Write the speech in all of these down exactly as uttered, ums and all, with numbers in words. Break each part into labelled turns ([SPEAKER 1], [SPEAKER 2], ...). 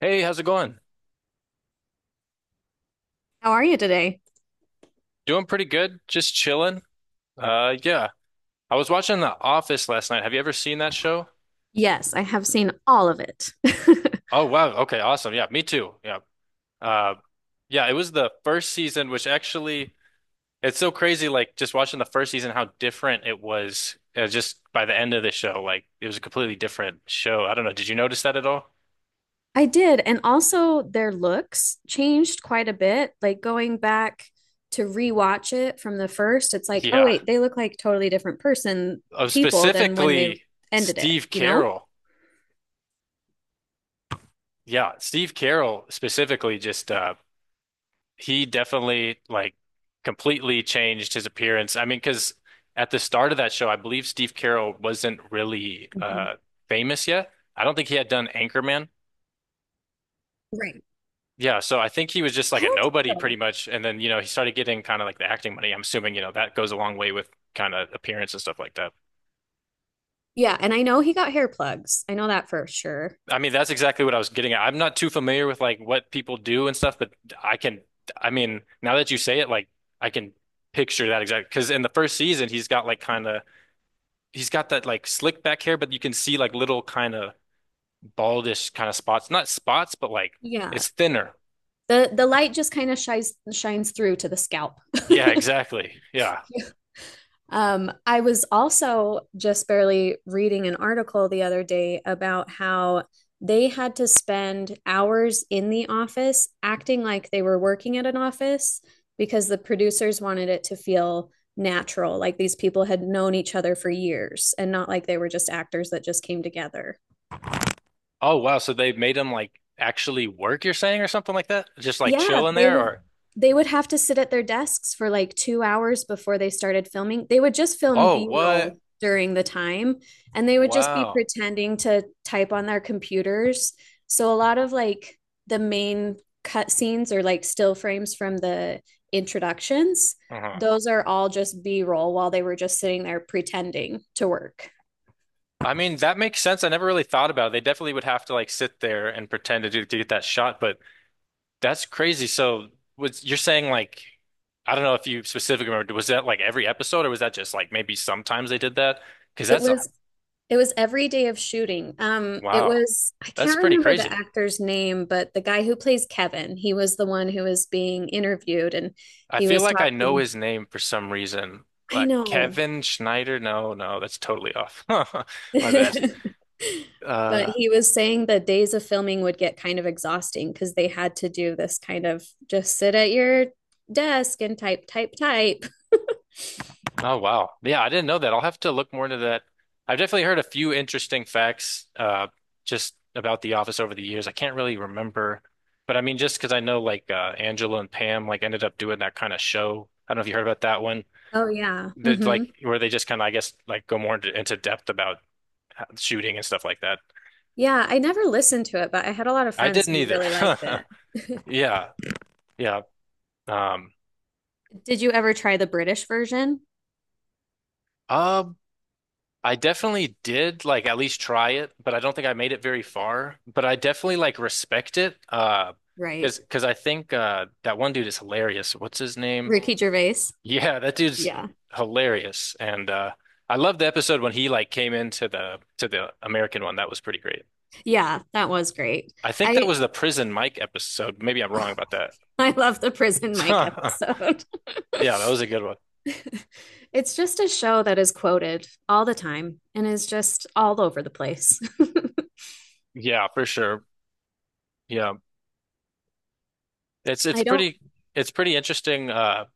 [SPEAKER 1] Hey, how's it going?
[SPEAKER 2] How are you today?
[SPEAKER 1] Doing pretty good. Just chilling. Uh, yeah. I was watching The Office last night. Have you ever seen that show?
[SPEAKER 2] Yes, I have seen all of it.
[SPEAKER 1] Oh, wow. Okay, awesome. Yeah, me too. Yeah. Uh, yeah, it was the first season, which actually, it's so crazy. Like just watching the first season, how different it was uh, just by the end of the show. Like it was a completely different show. I don't know. Did you notice that at all?
[SPEAKER 2] I did. And also, their looks changed quite a bit. Like going back to rewatch it from the first, it's like, oh,
[SPEAKER 1] Yeah.
[SPEAKER 2] wait, they look like totally different person,
[SPEAKER 1] Uh,
[SPEAKER 2] people than when they
[SPEAKER 1] specifically,
[SPEAKER 2] ended it,
[SPEAKER 1] Steve
[SPEAKER 2] you know?
[SPEAKER 1] Carell. Yeah, Steve Carell specifically just uh, he definitely like completely changed his appearance. I mean, because at the start of that show, I believe Steve Carell wasn't really
[SPEAKER 2] Mhm.
[SPEAKER 1] uh famous yet. I don't think he had done Anchorman.
[SPEAKER 2] Right.
[SPEAKER 1] Yeah, so I think he was just
[SPEAKER 2] I
[SPEAKER 1] like a
[SPEAKER 2] don't think
[SPEAKER 1] nobody
[SPEAKER 2] so.
[SPEAKER 1] pretty much. And then, you know, he started getting kind of like the acting money. I'm assuming, you know, that goes a long way with kind of appearance and stuff like that.
[SPEAKER 2] Yeah, and I know he got hair plugs. I know that for sure.
[SPEAKER 1] I mean, that's exactly what I was getting at. I'm not too familiar with like what people do and stuff, but I can, I mean, now that you say it, like I can picture that exactly. Because in the first season, he's got like kind of he's got that like slick back hair, but you can see like little kind of baldish kind of spots. Not spots, but like
[SPEAKER 2] Yeah.
[SPEAKER 1] it's thinner.
[SPEAKER 2] The the light just kind of shines shines through to the scalp.
[SPEAKER 1] Yeah, exactly. Yeah.
[SPEAKER 2] Um, I was also just barely reading an article the other day about how they had to spend hours in the office acting like they were working at an office because the producers wanted it to feel natural, like these people had known each other for years and not like they were just actors that just came together.
[SPEAKER 1] Oh wow, so they made him like actually work, you're saying, or something like that? Just like
[SPEAKER 2] Yeah,
[SPEAKER 1] chill in
[SPEAKER 2] they
[SPEAKER 1] there
[SPEAKER 2] would
[SPEAKER 1] or
[SPEAKER 2] they would have to sit at their desks for like two hours before they started filming. They would just film
[SPEAKER 1] oh what?
[SPEAKER 2] B-roll during the time and they would just be
[SPEAKER 1] Wow.
[SPEAKER 2] pretending to type on their computers. So a lot of like the main cut scenes or like still frames from the introductions,
[SPEAKER 1] Uh-huh.
[SPEAKER 2] those are all just B-roll while they were just sitting there pretending to work.
[SPEAKER 1] I mean, that makes sense. I never really thought about it. They definitely would have to like sit there and pretend to, do, to get that shot, but that's crazy. So was you're saying like I don't know if you specifically remember, was that like every episode or was that just like maybe sometimes they did that? Because
[SPEAKER 2] It
[SPEAKER 1] that's
[SPEAKER 2] was It was every day of shooting. Um, it
[SPEAKER 1] Wow.
[SPEAKER 2] was, I
[SPEAKER 1] That's
[SPEAKER 2] can't
[SPEAKER 1] pretty
[SPEAKER 2] remember the
[SPEAKER 1] crazy.
[SPEAKER 2] actor's name, but the guy who plays Kevin, he was the one who was being interviewed and
[SPEAKER 1] I
[SPEAKER 2] he
[SPEAKER 1] feel
[SPEAKER 2] was
[SPEAKER 1] like I know
[SPEAKER 2] talking.
[SPEAKER 1] his name for some reason.
[SPEAKER 2] I
[SPEAKER 1] Like
[SPEAKER 2] know.
[SPEAKER 1] Kevin Schneider. No, no, that's totally off. My bad.
[SPEAKER 2] But
[SPEAKER 1] Uh,
[SPEAKER 2] he was saying the days of filming would get kind of exhausting because they had to do this kind of just sit at your desk and type, type, type.
[SPEAKER 1] oh wow. Yeah, I didn't know that. I'll have to look more into that. I've definitely heard a few interesting facts uh just about The Office over the years. I can't really remember, but I mean just because I know like uh Angela and Pam like ended up doing that kind of show. I don't know if you heard about that one.
[SPEAKER 2] Oh yeah.
[SPEAKER 1] That
[SPEAKER 2] Hmm.
[SPEAKER 1] like where they just kind of I guess like go more into, into depth about uh, shooting and stuff like that.
[SPEAKER 2] Yeah, I never listened to it, but I had a lot of
[SPEAKER 1] I
[SPEAKER 2] friends
[SPEAKER 1] didn't
[SPEAKER 2] who
[SPEAKER 1] either.
[SPEAKER 2] really liked it.
[SPEAKER 1] Yeah, yeah. Um,
[SPEAKER 2] Did you ever try the British version?
[SPEAKER 1] um, I definitely did like at least try it, but I don't think I made it very far. But I definitely like respect it. Uh,
[SPEAKER 2] Right.
[SPEAKER 1] because because I think uh that one dude is hilarious. What's his name?
[SPEAKER 2] Ricky Gervais.
[SPEAKER 1] Yeah, that dude's
[SPEAKER 2] Yeah.
[SPEAKER 1] hilarious. And uh, I love the episode when he like came into the to the American one. That was pretty great.
[SPEAKER 2] Yeah, that was great.
[SPEAKER 1] I think that
[SPEAKER 2] I
[SPEAKER 1] was the Prison Mike episode. Maybe I'm wrong about that.
[SPEAKER 2] I love the Prison Mike episode.
[SPEAKER 1] Yeah, that was a good one.
[SPEAKER 2] It's just a show that is quoted all the time and is just all over the place.
[SPEAKER 1] Yeah, for sure. Yeah. It's it's
[SPEAKER 2] I don't.
[SPEAKER 1] pretty it's pretty interesting. Uh,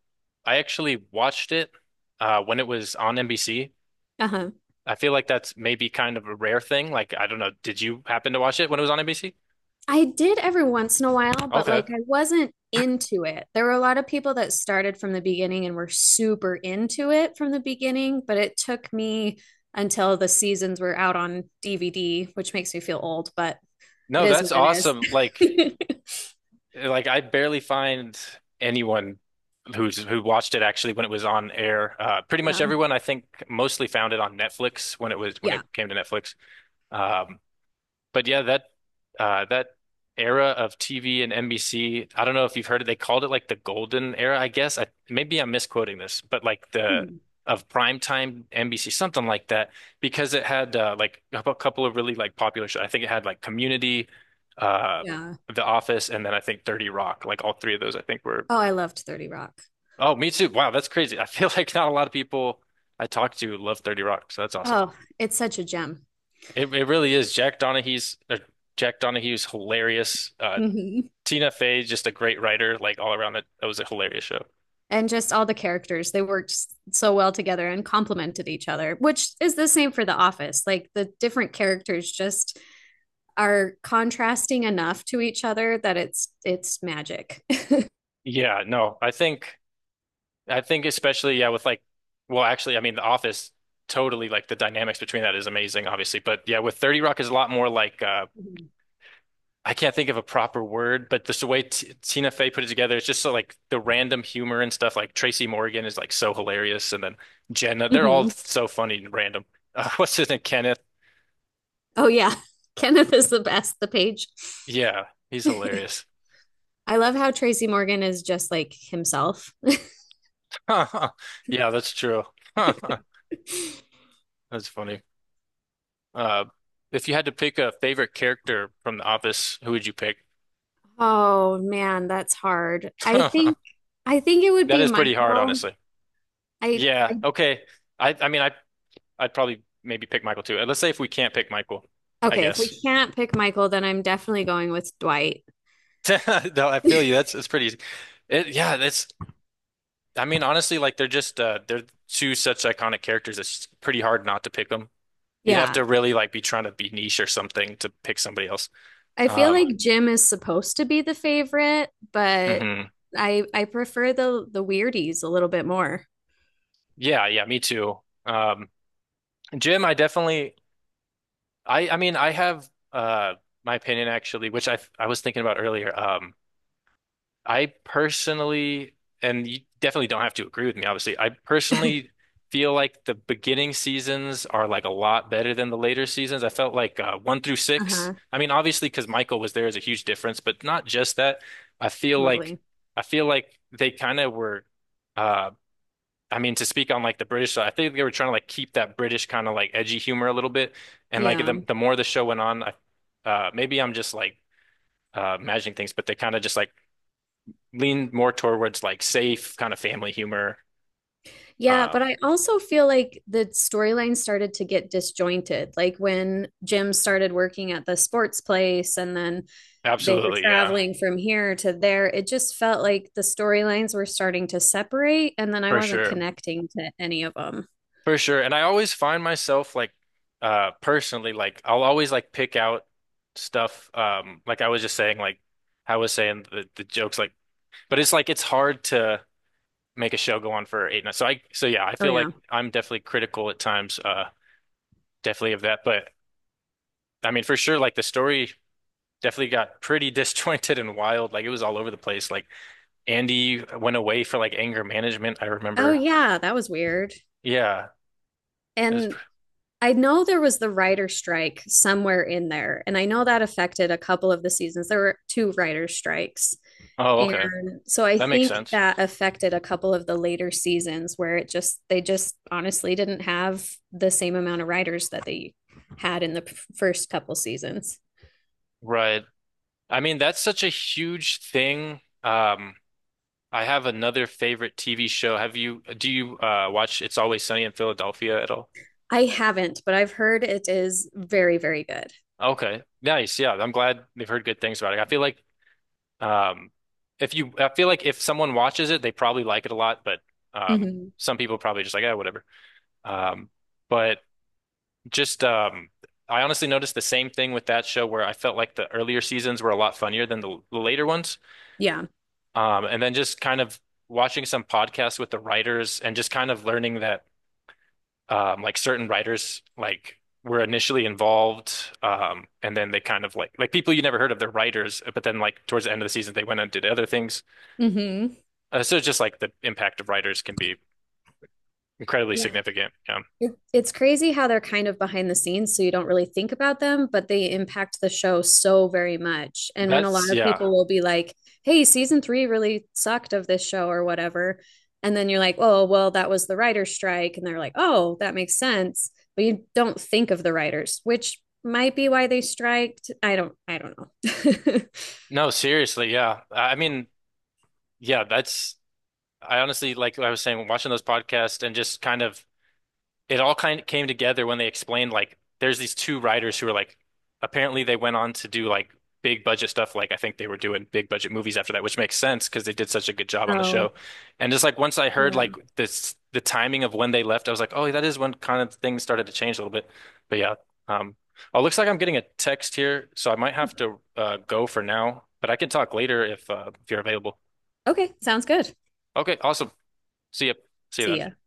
[SPEAKER 1] I actually watched it uh, when it was on N B C.
[SPEAKER 2] Uh-huh.
[SPEAKER 1] I feel like that's maybe kind of a rare thing. Like I don't know, did you happen to watch it when it was on N B C?
[SPEAKER 2] I did every once in a while, but
[SPEAKER 1] Okay.
[SPEAKER 2] like I wasn't into it. There were a lot of people that started from the beginning and were super into it from the beginning, but it took me until the seasons were out on D V D, which makes me feel old, but it
[SPEAKER 1] No,
[SPEAKER 2] is
[SPEAKER 1] that's
[SPEAKER 2] what it
[SPEAKER 1] awesome. Like
[SPEAKER 2] is.
[SPEAKER 1] like I barely find anyone who's who watched it actually when it was on air. Uh, pretty much
[SPEAKER 2] Yeah.
[SPEAKER 1] everyone I think mostly found it on Netflix when it was when it
[SPEAKER 2] Yeah.
[SPEAKER 1] came to Netflix. Um, but yeah, that uh, that era of T V and N B C. I don't know if you've heard it. They called it like the golden era, I guess. I, maybe I'm misquoting this, but like the
[SPEAKER 2] Hmm.
[SPEAKER 1] of primetime N B C, something like that, because it had uh, like a couple of really like popular shows. I think it had like Community, uh,
[SPEAKER 2] Yeah.
[SPEAKER 1] The Office, and then I think thirty Rock. Like all three of those, I think were.
[SPEAKER 2] Oh, I loved thirty Rock.
[SPEAKER 1] Oh, me too. Wow, that's crazy. I feel like not a lot of people I talk to love thirty Rock, so that's awesome.
[SPEAKER 2] Oh, it's such a gem.
[SPEAKER 1] It it really is. Jack Donahue's or Jack Donahue's hilarious. Uh,
[SPEAKER 2] Mhm.
[SPEAKER 1] Tina Fey, just a great writer, like all around it. That was a hilarious show.
[SPEAKER 2] And just all the characters they worked so well together and complemented each other, which is the same for the office, like the different characters just are contrasting enough to each other that it's it's magic.
[SPEAKER 1] Yeah, no, I think I think especially yeah with like well actually I mean The Office totally like the dynamics between that is amazing obviously but yeah with thirty Rock is a lot more like uh I can't think of a proper word but just the way T Tina Fey put it together it's just so like the random humor and stuff like Tracy Morgan is like so hilarious and then Jenna they're all
[SPEAKER 2] Mhm.
[SPEAKER 1] so funny and random uh, what's his name Kenneth
[SPEAKER 2] Oh yeah. Kenneth is the best, the page.
[SPEAKER 1] yeah he's hilarious
[SPEAKER 2] I love how Tracy Morgan is just like himself.
[SPEAKER 1] yeah that's true that's funny. Uh, if you had to pick a favorite character from The Office, who would you pick?
[SPEAKER 2] Oh man, that's hard. i think i think it would
[SPEAKER 1] That
[SPEAKER 2] be
[SPEAKER 1] is pretty hard,
[SPEAKER 2] Michael.
[SPEAKER 1] honestly.
[SPEAKER 2] I,
[SPEAKER 1] Yeah.
[SPEAKER 2] I
[SPEAKER 1] Okay. I I mean I I'd probably maybe pick Michael too. Uh, Let's say if we can't pick Michael, I
[SPEAKER 2] okay if we
[SPEAKER 1] guess.
[SPEAKER 2] can't pick Michael, then I'm definitely going with Dwight.
[SPEAKER 1] No, I feel you. That's It's pretty easy. It, yeah, that's I mean honestly like they're just uh they're two such iconic characters it's pretty hard not to pick them. You'd have
[SPEAKER 2] Yeah.
[SPEAKER 1] to really like be trying to be niche or something to pick somebody else.
[SPEAKER 2] I feel
[SPEAKER 1] Um
[SPEAKER 2] like Jim is supposed to be the favorite, but
[SPEAKER 1] mhm.
[SPEAKER 2] I I prefer the the weirdies a little bit more.
[SPEAKER 1] Yeah, yeah, me too. Um Jim, I definitely I I mean I have uh my opinion actually, which I I was thinking about earlier. Um, I personally, and you definitely don't have to agree with me, obviously. I personally feel like the beginning seasons are like a lot better than the later seasons. I felt like uh, one through six.
[SPEAKER 2] Uh-huh.
[SPEAKER 1] I mean, obviously, because Michael was there is a huge difference, but not just that. I feel like
[SPEAKER 2] Totally.
[SPEAKER 1] I feel like they kind of were. uh, I mean, to speak on like the British side, I think they were trying to like keep that British kind of like edgy humor a little bit. And like
[SPEAKER 2] Yeah.
[SPEAKER 1] the the more the show went on, I, uh, maybe I'm just like uh, imagining things, but they kind of just like leaned more towards like safe kind of family humor.
[SPEAKER 2] Yeah,
[SPEAKER 1] Um,
[SPEAKER 2] but I also feel like the storyline started to get disjointed. Like when Jim started working at the sports place and then they were
[SPEAKER 1] Absolutely, yeah,
[SPEAKER 2] traveling from here to there, it just felt like the storylines were starting to separate and then I
[SPEAKER 1] for
[SPEAKER 2] wasn't
[SPEAKER 1] sure,
[SPEAKER 2] connecting to any of them.
[SPEAKER 1] for sure. And I always find myself like uh, personally like I'll always like pick out stuff. Um, like I was just saying, like I was saying the, the jokes, like, but it's like it's hard to make a show go on for eight nights. So I, so yeah, I
[SPEAKER 2] Oh
[SPEAKER 1] feel
[SPEAKER 2] yeah.
[SPEAKER 1] like I'm definitely critical at times, uh, definitely of that. But I mean, for sure, like the story definitely got pretty disjointed and wild. Like it was all over the place. Like Andy went away for like anger management. I
[SPEAKER 2] Oh
[SPEAKER 1] remember.
[SPEAKER 2] yeah, that was weird.
[SPEAKER 1] Yeah. It was,
[SPEAKER 2] And I know there was the writer strike somewhere in there, and I know that affected a couple of the seasons. There were two writer strikes.
[SPEAKER 1] oh, okay.
[SPEAKER 2] And so I
[SPEAKER 1] That makes
[SPEAKER 2] think
[SPEAKER 1] sense.
[SPEAKER 2] that affected a couple of the later seasons where it just they just honestly didn't have the same amount of writers that they had in the p- first couple seasons.
[SPEAKER 1] Right. I mean, that's such a huge thing. Um, I have another favorite T V show. Have you, do you, uh, watch It's Always Sunny in Philadelphia at all?
[SPEAKER 2] I haven't, but I've heard it is very, very good.
[SPEAKER 1] Okay, nice. Yeah, I'm glad they've heard good things about it. I feel like Um, if you, I feel like if someone watches it, they probably like it a lot, but um,
[SPEAKER 2] Hmm.
[SPEAKER 1] some people probably just like, oh, whatever. Um, but just, um, I honestly noticed the same thing with that show where I felt like the earlier seasons were a lot funnier than the, the later ones.
[SPEAKER 2] Yeah.
[SPEAKER 1] Um, and then just kind of watching some podcasts with the writers and just kind of learning that um, like certain writers like were initially involved um, and then they kind of like like people you never heard of, they're writers, but then like towards the end of the season they went and did other things.
[SPEAKER 2] Mm-hmm.
[SPEAKER 1] Uh, so just like the impact of writers can be incredibly
[SPEAKER 2] Yeah.
[SPEAKER 1] significant. Yeah.
[SPEAKER 2] It, it's crazy how they're kind of behind the scenes, so you don't really think about them, but they impact the show so very much. And when a lot
[SPEAKER 1] That's
[SPEAKER 2] of
[SPEAKER 1] yeah.
[SPEAKER 2] people will be like, hey, season three really sucked of this show or whatever. And then you're like, oh, well, that was the writer's strike. And they're like, oh, that makes sense. But you don't think of the writers, which might be why they striked. I don't, I don't know.
[SPEAKER 1] No, seriously, yeah. I I mean, yeah, that's I honestly like I was saying watching those podcasts and just kind of it all kind of came together when they explained like there's these two writers who are like apparently they went on to do like big budget stuff like I think they were doing big budget movies after that which makes sense because they did such a good job on the
[SPEAKER 2] Oh,
[SPEAKER 1] show and just like once I heard
[SPEAKER 2] yeah.
[SPEAKER 1] like this the timing of when they left I was like oh that is when kind of things started to change a little bit but yeah um oh looks like I'm getting a text here so I might have to uh go for now but I can talk later if uh if you're available.
[SPEAKER 2] Okay. Sounds good.
[SPEAKER 1] Okay awesome, see you, see you
[SPEAKER 2] See ya.
[SPEAKER 1] then.